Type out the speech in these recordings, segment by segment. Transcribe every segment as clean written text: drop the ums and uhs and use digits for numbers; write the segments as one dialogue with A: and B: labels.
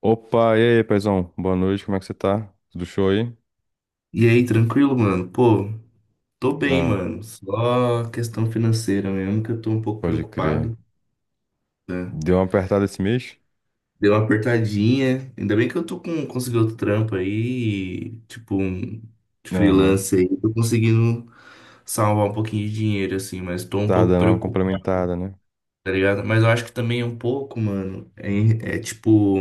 A: Opa, e aí, paizão? Boa noite, como é que você tá? Tudo show aí?
B: E aí, tranquilo, mano? Pô, tô bem,
A: Ah,
B: mano. Só questão financeira mesmo, que eu tô um pouco
A: pode crer.
B: preocupado, né?
A: Deu uma apertada esse mês?
B: Deu uma apertadinha. Ainda bem que eu tô com, consegui outro trampo aí, tipo, um
A: Aham.
B: freelance aí. Tô conseguindo salvar um pouquinho de dinheiro, assim, mas tô um
A: Tá
B: pouco
A: dando uma
B: preocupado,
A: complementada, né?
B: tá ligado? Mas eu acho que também um pouco, mano, é tipo,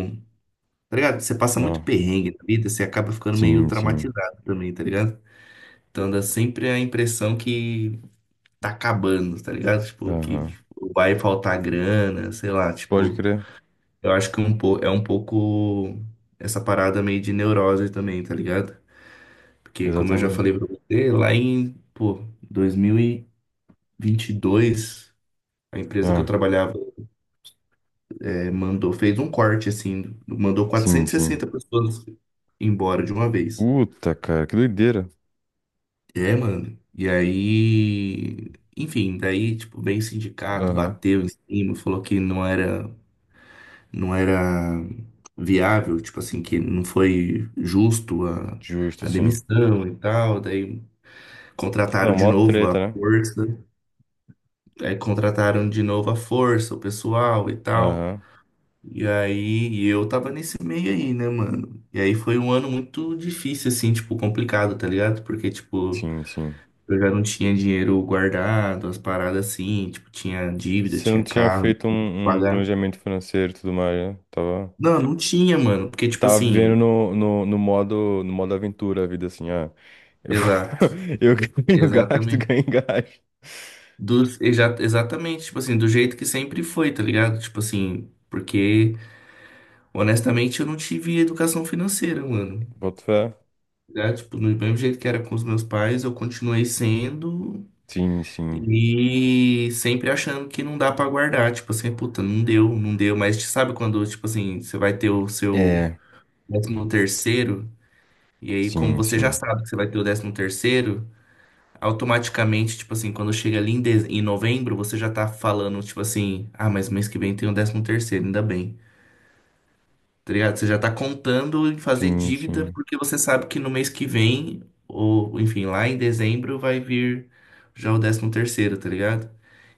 B: tá ligado? Você passa muito
A: Ah,
B: perrengue na vida, você acaba ficando meio
A: sim, sim.
B: traumatizado também, tá ligado? Então dá sempre a impressão que tá acabando, tá ligado? Tipo, que
A: Aham.
B: vai faltar grana, sei lá,
A: Pode
B: tipo,
A: crer.
B: eu acho que um po é um pouco essa parada meio de neurose também, tá ligado? Porque como eu já
A: Exatamente.
B: falei pra você, lá em, pô, 2022, a empresa que eu
A: Ah,
B: trabalhava mandou, fez um corte assim, mandou
A: sim, sim.
B: 460 pessoas embora de uma vez.
A: Puta, cara, que doideira.
B: É, mano. E aí, enfim, daí, tipo, veio o sindicato,
A: Aham.
B: bateu em cima, falou que não era viável, tipo assim, que não foi justo a,
A: Justo,
B: a
A: sim.
B: demissão e tal. Daí contrataram
A: Não,
B: de
A: mó
B: novo a
A: treta, né?
B: força, aí contrataram de novo a força, o pessoal e tal.
A: Aham.
B: E aí, eu tava nesse meio aí, né, mano? E aí foi um ano muito difícil, assim, tipo, complicado, tá ligado? Porque, tipo,
A: Sim, sim.
B: eu já não tinha dinheiro guardado, as paradas assim, tipo, tinha dívida,
A: Você não
B: tinha
A: tinha
B: carro,
A: feito
B: tinha que
A: um
B: pagar.
A: planejamento financeiro e tudo mais, né? Tava.
B: Não, não tinha, mano, porque, tipo
A: Tava vivendo
B: assim,
A: no modo aventura a vida, assim, eu, vou-
B: exato.
A: eu ganho gasto,
B: Exatamente.
A: ganho gasto.
B: Exatamente, tipo assim, do jeito que sempre foi, tá ligado? Tipo assim, porque honestamente eu não tive educação financeira, mano.
A: Boto fé?
B: Já, tipo, do mesmo jeito que era com os meus pais, eu continuei sendo
A: Sim, sim.
B: e sempre achando que não dá pra guardar. Tipo assim, puta, não deu, não deu. Mas sabe quando, tipo assim, você vai ter o seu
A: É,
B: décimo terceiro, e aí, como
A: sim,
B: você já
A: sim.
B: sabe que você vai ter o décimo terceiro, automaticamente, tipo assim, quando chega ali em novembro, você já tá falando, tipo assim, ah, mas mês que vem tem o décimo terceiro, ainda bem. Tá ligado? Você já tá contando em fazer
A: Sim,
B: dívida,
A: sim.
B: porque você sabe que no mês que vem, ou enfim, lá em dezembro, vai vir já o décimo terceiro, tá ligado?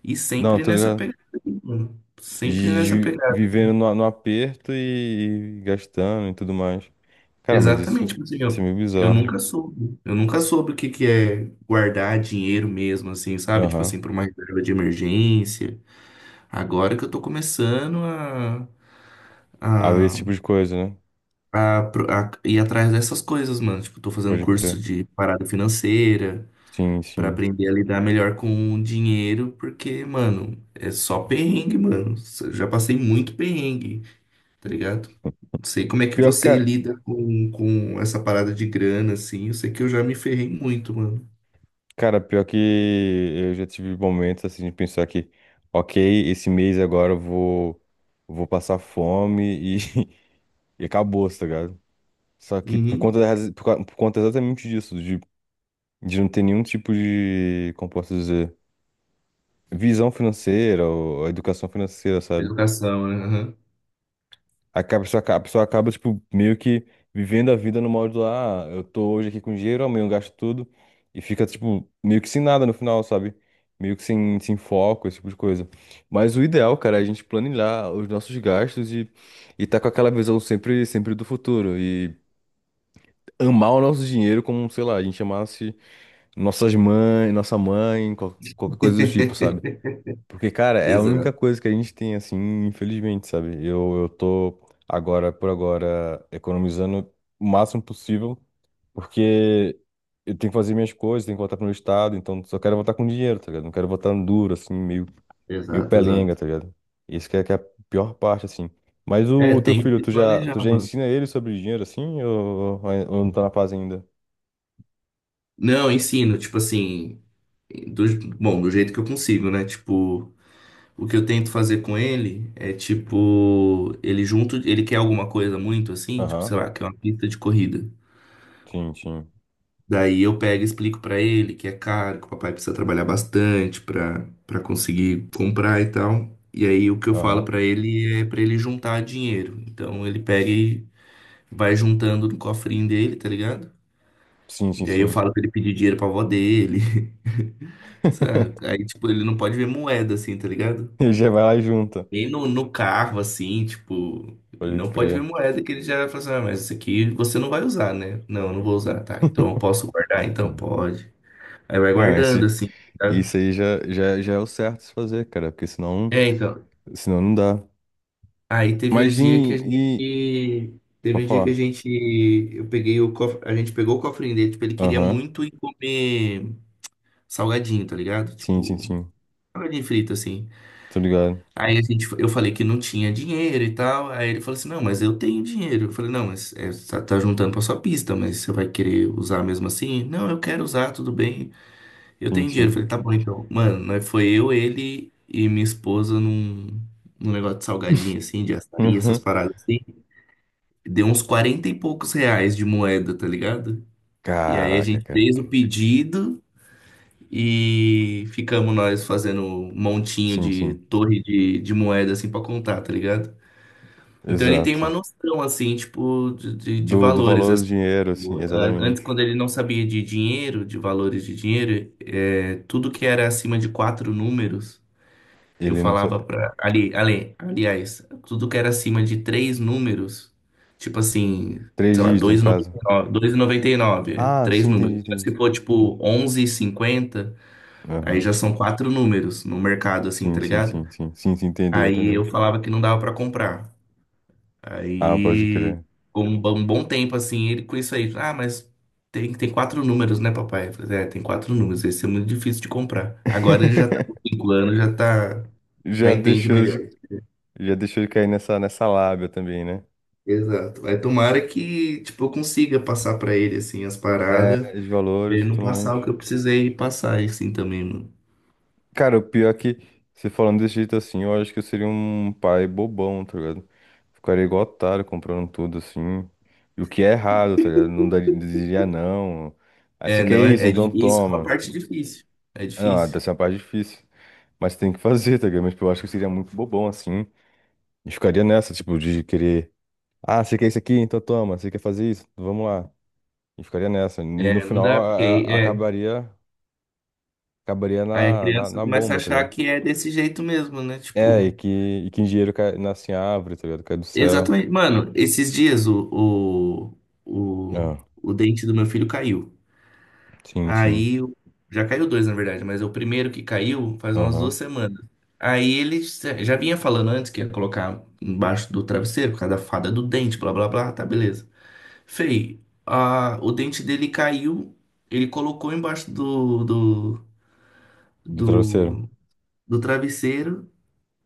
B: E
A: Não,
B: sempre
A: tô
B: nessa
A: ligado.
B: pegada, mano. Sempre
A: Gi-
B: nessa pegada.
A: Vivendo no aperto e gastando e tudo mais. Cara, mas
B: Exatamente,
A: isso,
B: tipo assim,
A: isso é
B: eu,
A: meio
B: eu
A: bizarro.
B: nunca soube. Eu nunca soube o que que é guardar dinheiro mesmo, assim, sabe? Tipo
A: Aham.
B: assim, pra uma reserva de emergência. Agora que eu tô começando
A: Haver esse
B: a,
A: tipo de coisa, né?
B: a ir atrás dessas coisas, mano. Tipo, tô fazendo
A: Pode
B: curso
A: crer.
B: de parada financeira
A: Sim,
B: pra
A: sim.
B: aprender a lidar melhor com o dinheiro, porque, mano, é só perrengue, mano. Eu já passei muito perrengue, tá ligado? Não sei como é que
A: Pior,
B: você
A: que
B: lida com essa parada de grana, assim. Eu sei que eu já me ferrei muito, mano.
A: Cara, pior que eu já tive momentos assim de pensar que, ok, esse mês agora eu vou passar fome e, e acabou, tá ligado? Só que por
B: Uhum.
A: conta, da raz- por, ca- por conta exatamente disso, de não ter nenhum tipo de, como posso dizer, visão financeira ou educação financeira, sabe?
B: Educação, né? Aham.
A: A pessoa acaba, tipo, meio que vivendo a vida no modo, ah, eu tô hoje aqui com dinheiro, amanhã eu gasto tudo, e fica, tipo, meio que sem nada no final, sabe? Meio que sem, sem foco, esse tipo de coisa. Mas o ideal, cara, é a gente planejar os nossos gastos e tá com aquela visão sempre, sempre do futuro. E amar o nosso dinheiro como, sei lá, a gente amasse nossas mães, nossa mãe, qualquer coisa do tipo, sabe? Porque, cara, é a única
B: Exato,
A: coisa que a gente tem, assim, infelizmente, sabe? Eu tô agora, por agora, economizando o máximo possível, porque eu tenho que fazer minhas coisas, tenho que voltar pro meu estado, então só quero voltar com dinheiro, tá ligado? Não quero voltar duro, assim, meio
B: exato,
A: pelenga,
B: exato.
A: tá ligado? Isso que é a pior parte, assim. Mas o,
B: É,
A: o teu
B: tem que
A: filho,
B: se
A: tu já,
B: planejar,
A: tu já
B: mano.
A: ensina ele sobre dinheiro, assim, ou não tá na fase ainda?
B: Não, ensino, tipo assim, do, do jeito que eu consigo, né? Tipo, o que eu tento fazer com ele é tipo, ele junto, ele quer alguma coisa muito assim, tipo,
A: Aham,
B: sei lá, quer uma pista de corrida.
A: sim, sim.
B: Daí eu pego e explico pra ele que é caro, que o papai precisa trabalhar bastante pra para conseguir comprar e tal. E aí o que eu falo
A: Aham.
B: pra ele é pra ele juntar dinheiro. Então ele pega e vai juntando no cofrinho dele, tá ligado?
A: Sim, sim,
B: E aí eu
A: sim.
B: falo pra ele pedir dinheiro pra avó dele. Sabe? Aí, tipo, ele não pode ver moeda, assim, tá ligado?
A: Ele já vai lá e junta.
B: Nem no carro, assim, tipo,
A: Pode
B: não pode
A: crer.
B: ver moeda que ele já fala assim, ah, mas isso aqui você não vai usar, né? Não, eu não vou usar, tá? Então eu posso guardar, então pode. Aí vai
A: Não,
B: guardando, assim, sabe?
A: isso aí já é o certo se fazer, cara, porque senão,
B: É, então.
A: senão não dá.
B: Aí teve um
A: Mas e,
B: dia que a
A: e...
B: gente. Teve
A: Pode
B: um dia que a
A: falar.
B: gente. Eu peguei o cof- A gente pegou o cofrinho dele, tipo, ele queria
A: Aham.
B: muito ir comer salgadinho, tá ligado?
A: Sim, sim,
B: Tipo,
A: sim.
B: salgadinho frito, assim.
A: Tô ligado.
B: Aí a gente, eu falei que não tinha dinheiro e tal. Aí ele falou assim: não, mas eu tenho dinheiro. Eu falei: não, mas, você tá, juntando pra sua pista, mas você vai querer usar mesmo assim? Não, eu quero usar, tudo bem. Eu
A: Sim,
B: tenho dinheiro. Eu
A: sim.
B: falei: tá bom, então. Mano, nós foi eu, ele e minha esposa num negócio de salgadinho assim, de açaí, essas
A: Aham.
B: paradas assim. Deu uns 40 e poucos reais de moeda, tá ligado? E aí a
A: Caraca,
B: gente
A: cara.
B: fez o pedido. E ficamos nós fazendo um montinho
A: Sim,
B: de
A: sim.
B: torre de moeda assim pra contar, tá ligado? Então ele tem uma
A: Exato.
B: noção, assim, tipo, de
A: Do
B: valores,
A: valor do
B: assim.
A: dinheiro,
B: Tipo,
A: assim,
B: an-
A: exatamente.
B: Antes, quando ele não sabia de dinheiro, de valores de dinheiro, é, tudo que era acima de quatro números, eu
A: Ele não
B: falava
A: sabe.
B: pra... Aliás, tudo que era acima de três números, tipo assim,
A: Três
B: sei lá,
A: dígitos, no
B: dois e noventa
A: caso.
B: e nove, 2,99,
A: Ah,
B: três
A: sim, entendi,
B: números. Mas se
A: entendi.
B: for, tipo, 11,50, aí já
A: Aham.
B: são quatro números no mercado, assim,
A: Sim,
B: tá
A: sim,
B: ligado?
A: sim, sim. Sim, sim, entendeu,
B: Aí eu
A: entendeu.
B: falava que não dava pra comprar.
A: Ah, pode
B: Aí,
A: crer.
B: com um bom tempo, assim, ele com isso aí, ah, mas tem quatro números, né, papai? Eu falei, é, tem quatro números, esse é muito difícil de comprar. Agora ele já tá com 5 anos, já tá, já
A: Já
B: entende
A: deixou
B: melhor.
A: de, já deixou de cair nessa lábia também, né?
B: Exato. Vai tomara que, tipo, eu consiga passar pra ele, assim, as paradas,
A: De
B: pra
A: valores
B: ele
A: e
B: não
A: tudo mais.
B: passar o que eu precisei passar, assim, também, mano.
A: Cara, o pior é que, você falando desse jeito assim, eu acho que eu seria um pai bobão, tá ligado? Ficaria igual otário comprando tudo assim. E o que é errado, tá ligado? Não diria não. Aí você
B: É,
A: quer
B: não,
A: isso,
B: é, é
A: então
B: difícil, é uma
A: toma.
B: parte
A: Não,
B: difícil.
A: dessa é uma parte difícil. Mas tem que fazer, tá ligado? Mas tipo, eu acho que eu seria muito bobão assim. E ficaria nessa, tipo, de querer. Ah, você quer isso aqui? Então toma. Você quer fazer isso? Vamos lá. E ficaria nessa. E no
B: É, não
A: final
B: dá, porque aí, é,
A: acabaria
B: aí a
A: na, na,
B: criança
A: na
B: começa a
A: bomba, tá
B: achar
A: ligado?
B: que é desse jeito mesmo, né,
A: É, e
B: tipo...
A: que, e que engenheiro cai, nasce em árvore, tá ligado? Cai do céu.
B: Exatamente. Mano, esses dias o,
A: Ah,
B: o, o dente do meu filho caiu.
A: sim, sim.
B: Aí, já caiu dois, na verdade, mas é o primeiro que caiu faz umas duas
A: Aham.
B: semanas. Aí ele já vinha falando antes que ia colocar embaixo do travesseiro, por causa da fada do dente, blá blá blá, tá, beleza. Fei, o dente dele caiu, ele colocou embaixo
A: Do travesseiro.
B: do, do travesseiro,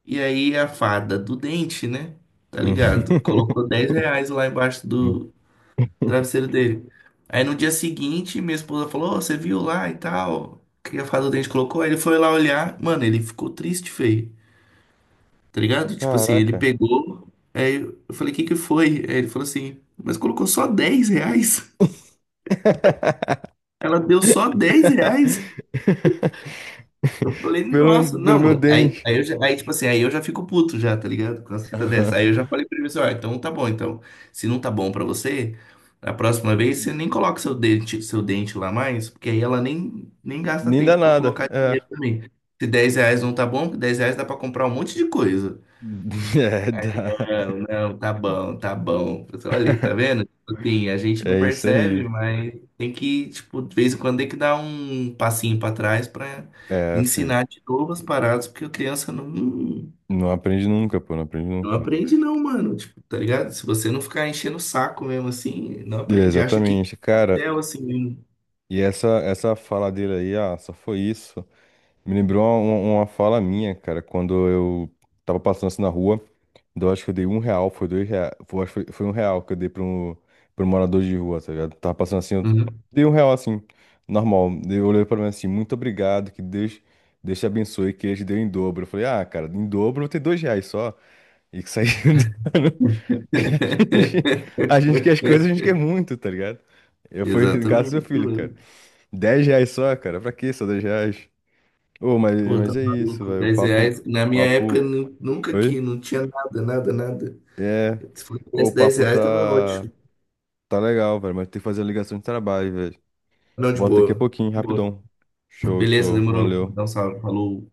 B: e aí a fada do dente, né? Tá ligado? Colocou R$ 10 lá embaixo
A: Hum.
B: do travesseiro dele. Aí no dia seguinte, minha esposa falou: "Ô, você viu lá e tal? O que a fada do dente colocou?" Aí ele foi lá olhar, mano, ele ficou triste, feio, tá ligado? Tipo assim, ele
A: Caraca.
B: pegou, aí eu falei: o "Que que foi?" Aí ele falou assim: "Mas colocou só R$ 10. Ela deu só R$ 10." Eu falei, nossa,
A: Pelo
B: não,
A: meu
B: mano.
A: dente.
B: Eu já, aí, tipo assim, aí eu já fico puto já, tá ligado? Com as fitas
A: Aham.
B: dessa. Aí eu já falei pra ele assim, ó, então tá bom, então. Se não tá bom pra você, a próxima vez você nem coloca seu dente lá mais, porque aí ela nem gasta
A: Nem dá
B: tempo pra
A: nada.
B: colocar
A: É.
B: dinheiro também. Se R$ 10 não tá bom, porque R$ 10 dá pra comprar um monte de coisa.
A: É, dá.
B: Não, não, tá bom, tá bom. Pessoal, olha, tá vendo? Tipo assim, a gente não
A: É isso aí.
B: percebe, mas tem que, tipo, de vez em quando tem que dar um passinho pra trás pra
A: É, filho.
B: ensinar de novo as paradas, porque a criança não,
A: Não aprende nunca, pô, não aprende
B: não
A: nunca.
B: aprende não, mano. Tipo, tá ligado? Se você não ficar enchendo o saco mesmo assim, não
A: É,
B: aprende. Acha que
A: exatamente, cara.
B: é assim mesmo.
A: E essa fala dele aí, ah, só foi isso. Me lembrou uma fala minha, cara, quando eu tava passando assim na rua, então eu acho que eu dei R$ 1, foi R$ 2, foi, acho que foi, foi R$ 1 que eu dei pra um morador de rua, tá ligado? Tava passando assim, eu
B: Uhum.
A: dei um real assim, normal. Daí eu olhei pra mim assim, muito obrigado, que Deus te abençoe, que ele te deu em dobro. Eu falei, ah, cara, em dobro eu vou ter R$ 2 só. E que saiu. A gente quer as coisas, a gente quer muito, tá ligado? Eu fui em casa do seu
B: Exatamente.
A: filho, cara.
B: mano.
A: R$ 10 só, cara, pra que só R$ 10? Ô, mas,
B: Pô, tá
A: mas é isso,
B: maluco.
A: velho. O
B: 10
A: papo,
B: reais. Na minha época,
A: papo.
B: nunca
A: Oi?
B: que não tinha nada, nada, nada.
A: É.
B: Se for
A: Ô, o
B: 10 10
A: papo
B: reais, tava
A: tá.
B: ótimo.
A: Tá legal, velho. Mas tem que fazer a ligação de trabalho, velho.
B: Não, de
A: Volta daqui a
B: boa.
A: pouquinho,
B: De boa.
A: rapidão. Show,
B: Beleza,
A: show.
B: demorou.
A: Valeu.
B: Dá um salve. Falou.